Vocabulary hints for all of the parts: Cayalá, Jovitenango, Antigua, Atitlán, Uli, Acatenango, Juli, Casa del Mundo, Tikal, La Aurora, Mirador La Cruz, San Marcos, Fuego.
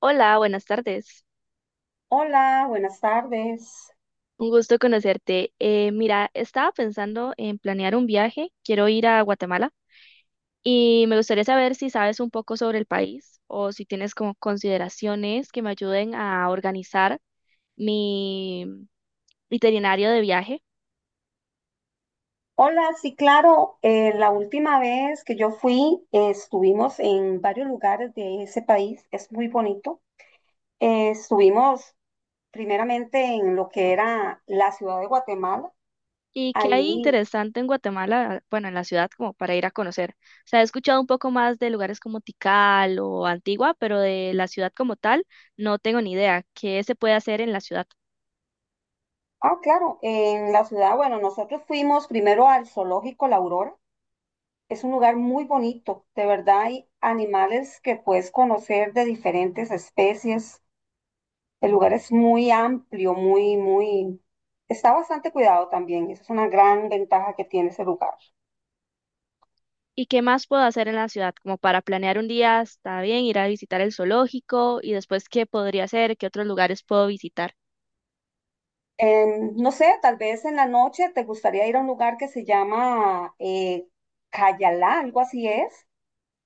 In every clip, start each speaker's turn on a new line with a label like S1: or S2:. S1: Hola, buenas tardes.
S2: Hola, buenas tardes.
S1: Un gusto conocerte. Mira, estaba pensando en planear un viaje. Quiero ir a Guatemala y me gustaría saber si sabes un poco sobre el país o si tienes como consideraciones que me ayuden a organizar mi itinerario de viaje
S2: Hola, sí, claro, la última vez que yo fui, estuvimos en varios lugares de ese país, es muy bonito. Estuvimos primeramente en lo que era la ciudad de Guatemala,
S1: y qué hay
S2: ahí,
S1: interesante en Guatemala, bueno, en la ciudad como para ir a conocer. O sea, he escuchado un poco más de lugares como Tikal o Antigua, pero de la ciudad como tal no tengo ni idea. ¿Qué se puede hacer en la ciudad?
S2: ah, claro, en la ciudad, bueno, nosotros fuimos primero al zoológico La Aurora, es un lugar muy bonito, de verdad hay animales que puedes conocer de diferentes especies. El lugar es muy amplio, muy, muy. Está bastante cuidado también. Esa es una gran ventaja que tiene ese lugar.
S1: ¿Y qué más puedo hacer en la ciudad? Como para planear un día, está bien, ir a visitar el zoológico y después qué podría hacer, qué otros lugares puedo visitar.
S2: No sé, tal vez en la noche te gustaría ir a un lugar que se llama Cayalá, algo así es.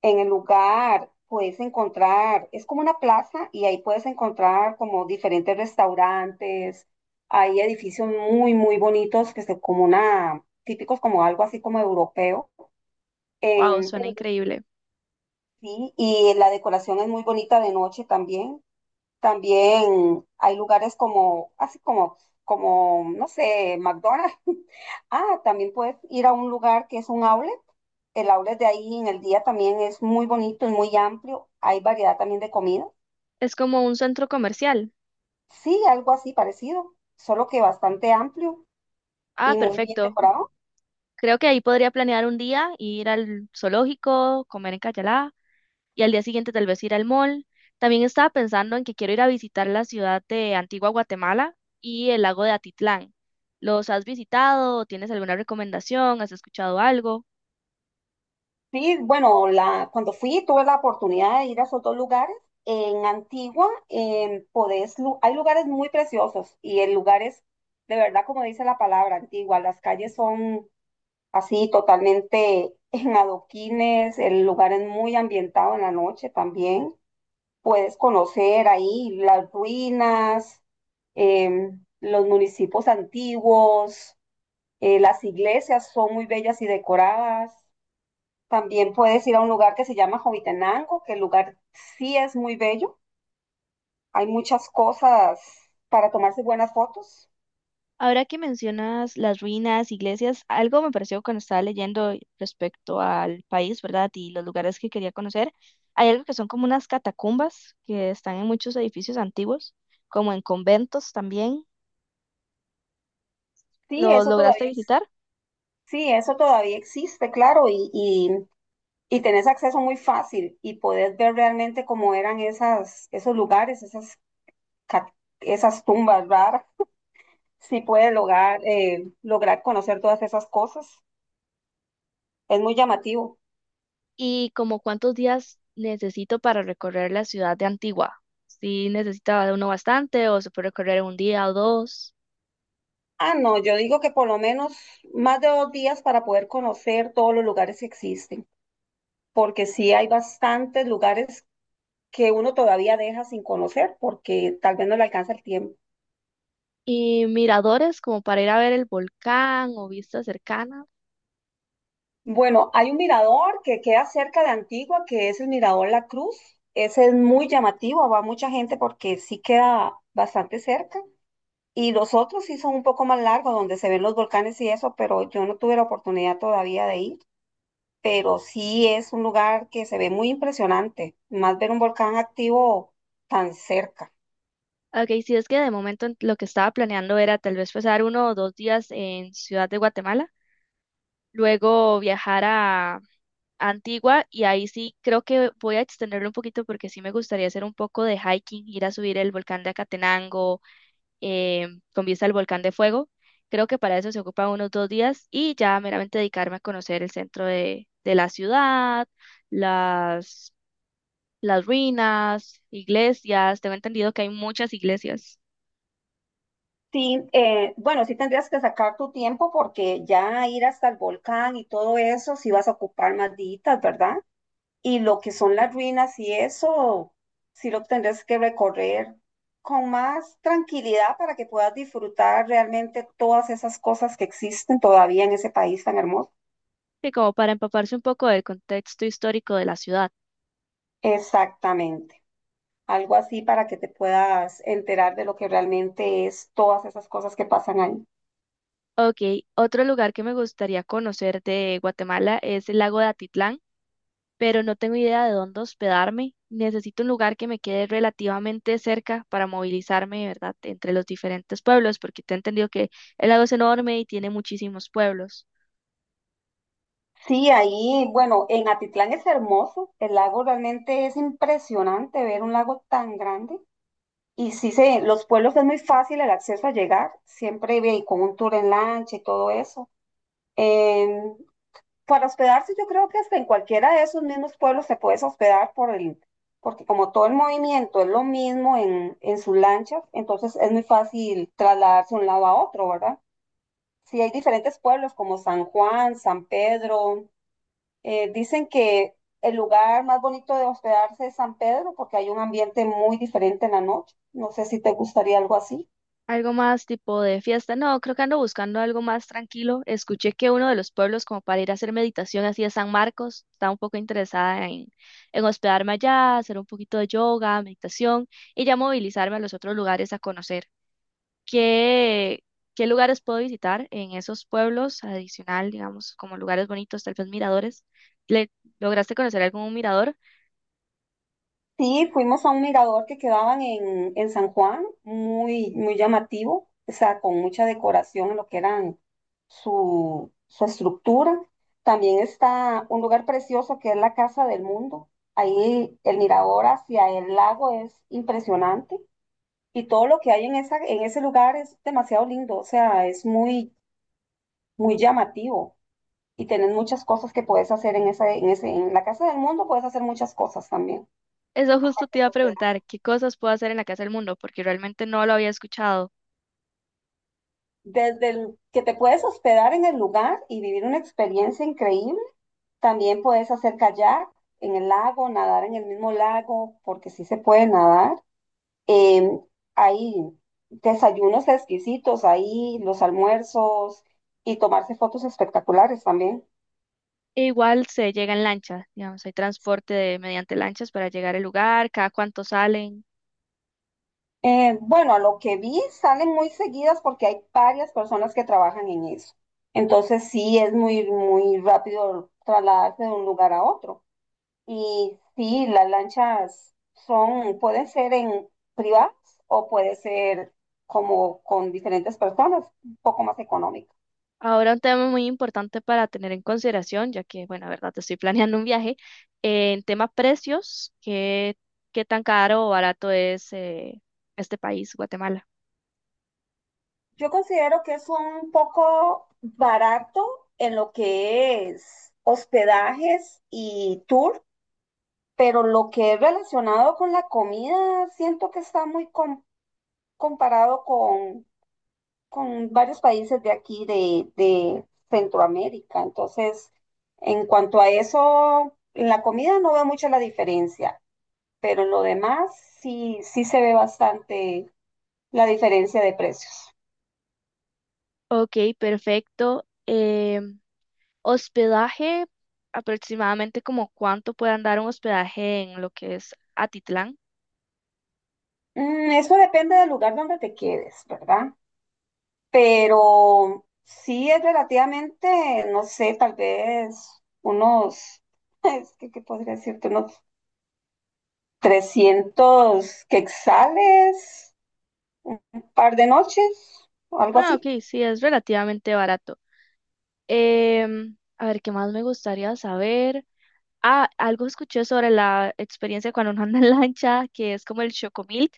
S2: En el lugar puedes encontrar, es como una plaza y ahí puedes encontrar como diferentes restaurantes. Hay edificios muy, muy bonitos que son como una, típicos como algo así como europeo.
S1: Wow,
S2: En,
S1: suena increíble.
S2: Sí, y la decoración es muy bonita de noche también. También hay lugares como, no sé, McDonald's. Ah, también puedes ir a un lugar que es un outlet. El outlet de ahí en el día también es muy bonito y muy amplio. Hay variedad también de comida.
S1: Es como un centro comercial.
S2: Sí, algo así parecido, solo que bastante amplio
S1: Ah,
S2: y muy bien
S1: perfecto.
S2: decorado.
S1: Creo que ahí podría planear un día, ir al zoológico, comer en Cayalá y al día siguiente tal vez ir al mall. También estaba pensando en que quiero ir a visitar la ciudad de Antigua Guatemala y el lago de Atitlán. ¿Los has visitado? ¿Tienes alguna recomendación? ¿Has escuchado algo?
S2: Sí, bueno, la, cuando fui tuve la oportunidad de ir a esos dos lugares. En Antigua podés, hay lugares muy preciosos y el lugar es, de verdad, como dice la palabra, Antigua. Las calles son así totalmente en adoquines, el lugar es muy ambientado en la noche también. Puedes conocer ahí las ruinas, los municipios antiguos, las iglesias son muy bellas y decoradas. También puedes ir a un lugar que se llama Jovitenango, que el lugar sí es muy bello. Hay muchas cosas para tomarse buenas fotos.
S1: Ahora que mencionas las ruinas, iglesias, algo me pareció cuando estaba leyendo respecto al país, ¿verdad? Y los lugares que quería conocer. Hay algo que son como unas catacumbas que están en muchos edificios antiguos, como en conventos también.
S2: Sí,
S1: ¿Lo
S2: eso todavía,
S1: lograste
S2: ex-
S1: visitar?
S2: sí, eso todavía existe, claro, y tenés acceso muy fácil y podés ver realmente cómo eran esas, esos lugares, ca- esas tumbas raras. Sí puedes lograr conocer todas esas cosas. Es muy llamativo.
S1: ¿Y como cuántos días necesito para recorrer la ciudad de Antigua? Si necesitaba de uno bastante o se puede recorrer en un día o dos.
S2: Ah, no, yo digo que por lo menos más de 2 días para poder conocer todos los lugares que existen. Porque sí hay bastantes lugares que uno todavía deja sin conocer porque tal vez no le alcanza el tiempo.
S1: Y miradores como para ir a ver el volcán o vistas cercanas.
S2: Bueno, hay un mirador que queda cerca de Antigua, que es el Mirador La Cruz. Ese es muy llamativo, va mucha gente porque sí queda bastante cerca. Y los otros sí son un poco más largos, donde se ven los volcanes y eso, pero yo no tuve la oportunidad todavía de ir. Pero sí es un lugar que se ve muy impresionante, más ver un volcán activo tan cerca.
S1: Ok, sí, es que de momento en- lo que estaba planeando era tal vez pasar uno o dos días en Ciudad de Guatemala, luego viajar a Antigua y ahí sí creo que voy a extenderlo un poquito porque sí me gustaría hacer un poco de hiking, ir a subir el volcán de Acatenango eh, con vista al volcán de Fuego. Creo que para eso se ocupan unos dos días y ya meramente dedicarme a conocer el centro de la ciudad, las, las ruinas, iglesias. Tengo entendido que hay muchas iglesias.
S2: Sí, bueno, sí tendrías que sacar tu tiempo porque ya ir hasta el volcán y todo eso, sí vas a ocupar más días, ¿verdad? Y lo que son las ruinas y eso, sí lo tendrías que recorrer con más tranquilidad para que puedas disfrutar realmente todas esas cosas que existen todavía en ese país tan hermoso.
S1: Sí, como para empaparse un poco del contexto histórico de la ciudad.
S2: Exactamente, algo así para que te puedas enterar de lo que realmente es todas esas cosas que pasan ahí.
S1: Ok, otro lugar que me gustaría conocer de Guatemala es el lago de Atitlán, pero no tengo idea de dónde hospedarme. Necesito un lugar que me quede relativamente cerca para movilizarme, ¿verdad?, entre los diferentes pueblos, porque te he entendido que el lago es enorme y tiene muchísimos pueblos.
S2: Sí, ahí, bueno, en Atitlán es hermoso, el lago realmente es impresionante ver un lago tan grande. Y sí, se, los pueblos es muy fácil el acceso a llegar, siempre con un tour en lancha y todo eso. Em, para hospedarse, yo creo que hasta en cualquiera de esos mismos pueblos se puedes hospedar porque como todo el movimiento es lo mismo en sus lanchas, entonces es muy fácil trasladarse de un lado a otro, ¿verdad? Sí, hay diferentes pueblos como San Juan, San Pedro. Dicen que el lugar más bonito de hospedarse es San Pedro porque hay un ambiente muy diferente en la noche. No sé si te gustaría algo así.
S1: Algo más tipo de fiesta. No, creo que ando buscando algo más tranquilo. Escuché que uno de los pueblos como para ir a hacer meditación así es San Marcos. Estaba un poco interesada en hospedarme allá, hacer un poquito de yoga, meditación y ya movilizarme a los otros lugares a conocer. ¿Qué, ¿qué lugares puedo visitar en esos pueblos adicional, digamos, como lugares bonitos, tal vez miradores? ¿Le lograste conocer algún mirador?
S2: Sí, fuimos a un mirador que quedaban en San Juan, muy, muy llamativo, o sea, con mucha decoración en lo que eran su estructura. También está un lugar precioso que es la Casa del Mundo. Ahí el mirador hacia el lago es impresionante. Y todo lo que hay en esa, en ese lugar es demasiado lindo, o sea, es muy, muy llamativo. Y tenés muchas cosas que puedes hacer en esa, en la Casa del Mundo puedes hacer muchas cosas también.
S1: Eso justo te iba a preguntar, ¿qué cosas puedo hacer en la Casa del Mundo? Porque realmente no lo había escuchado.
S2: Desde el que te puedes hospedar en el lugar y vivir una experiencia increíble, también puedes hacer kayak en el lago, nadar en el mismo lago, porque sí se puede nadar. Em, Hay desayunos exquisitos ahí, los almuerzos y tomarse fotos espectaculares también.
S1: E igual se llega en lancha, digamos, hay transporte de- mediante lanchas para llegar al lugar, cada cuánto salen.
S2: Bueno, a lo que vi salen muy seguidas porque hay varias personas que trabajan en eso. Entonces sí es muy, muy rápido trasladarse de un lugar a otro. Y sí, las lanchas son, pueden ser en privadas o puede ser como con diferentes personas, un poco más económico.
S1: Ahora un tema muy importante para tener en consideración, ya que, bueno, la verdad, estoy planeando un viaje, en tema precios, ¿qué tan caro o barato es este país, Guatemala?
S2: Yo considero que es un poco barato en lo que es hospedajes y tour pero lo que es relacionado con la comida, siento que está muy comparado con varios países de aquí, de Centroamérica. Entonces, en cuanto a eso, en la comida no veo mucho la diferencia, pero en lo demás sí, sí se ve bastante la diferencia de precios.
S1: Ok, perfecto. Hospedaje, aproximadamente como cuánto puede andar un hospedaje en lo que es Atitlán.
S2: Eso depende del lugar donde te quedes, ¿verdad? Pero sí es relativamente, no sé, tal vez unos, es que, ¿qué podría decirte? Unos 300 quetzales, un par de noches, o algo
S1: Ah,
S2: así.
S1: ok, sí, es relativamente barato. A ver, ¿qué más me gustaría saber? Ah, algo escuché sobre la experiencia cuando uno anda en lancha, que es como el chocomilk.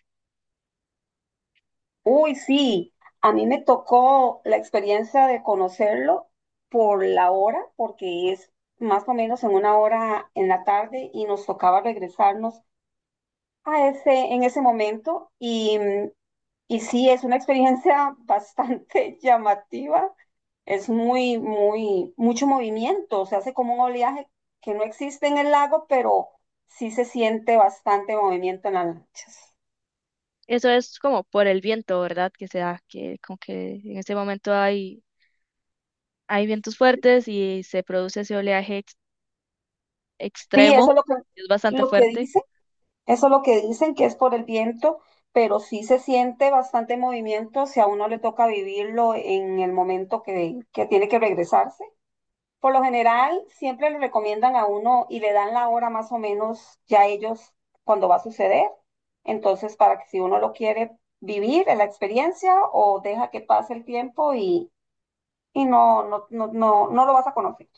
S2: Uy, sí, a mí me tocó la experiencia de conocerlo por la hora, porque es más o menos en una hora en la tarde y nos tocaba regresarnos a ese, en ese momento. Y sí, es una experiencia bastante llamativa, es muy, muy, mucho movimiento, se hace como un oleaje que no existe en el lago, pero sí se siente bastante movimiento en las lanchas.
S1: Eso es como por el viento, ¿verdad? Que se da, que como que en ese momento hay, hay vientos fuertes y se produce ese oleaje ex-
S2: Sí, eso es
S1: extremo,
S2: lo que,
S1: es bastante
S2: lo que
S1: fuerte.
S2: dicen, eso es lo que dicen, que es por el viento, pero sí se siente bastante movimiento si a uno le toca vivirlo en el momento que tiene que regresarse. Por lo general, siempre le recomiendan a uno y le dan la hora más o menos ya ellos cuando va a suceder. Entonces, para que si uno lo quiere vivir en la experiencia o deja que pase el tiempo y no, no, no, no, no lo vas a conocer.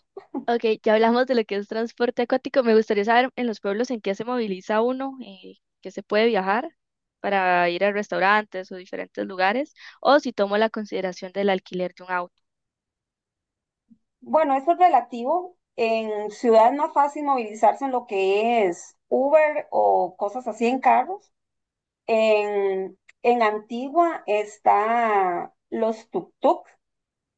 S1: Ok, ya hablamos de lo que es transporte acuático. Me gustaría saber en los pueblos en qué se moviliza uno, que se puede viajar para ir a restaurantes o diferentes lugares, o si tomo la consideración del alquiler de un auto.
S2: Bueno, eso es relativo. En ciudad es más fácil movilizarse en lo que es Uber o cosas así en carros. En Antigua está los tuk-tuk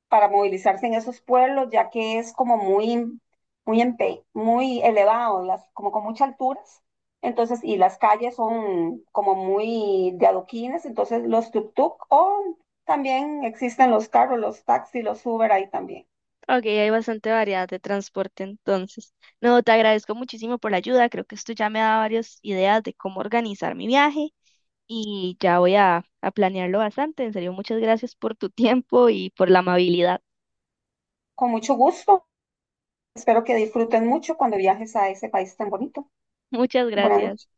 S2: para movilizarse en esos pueblos, ya que es como muy, muy, muy elevado, las, como con muchas alturas. Entonces, y las calles son como muy de adoquines, entonces los tuk-tuk o también existen los carros, los taxis, los Uber ahí también.
S1: Ok, hay bastante variedad de transporte entonces. No, te agradezco muchísimo por la ayuda. Creo que esto ya me da varias ideas de cómo organizar mi viaje y ya voy a planearlo bastante. En serio, muchas gracias por tu tiempo y por la amabilidad.
S2: Con mucho gusto. Espero que disfruten mucho cuando viajes a ese país tan bonito.
S1: Muchas
S2: Buenas
S1: gracias.
S2: noches.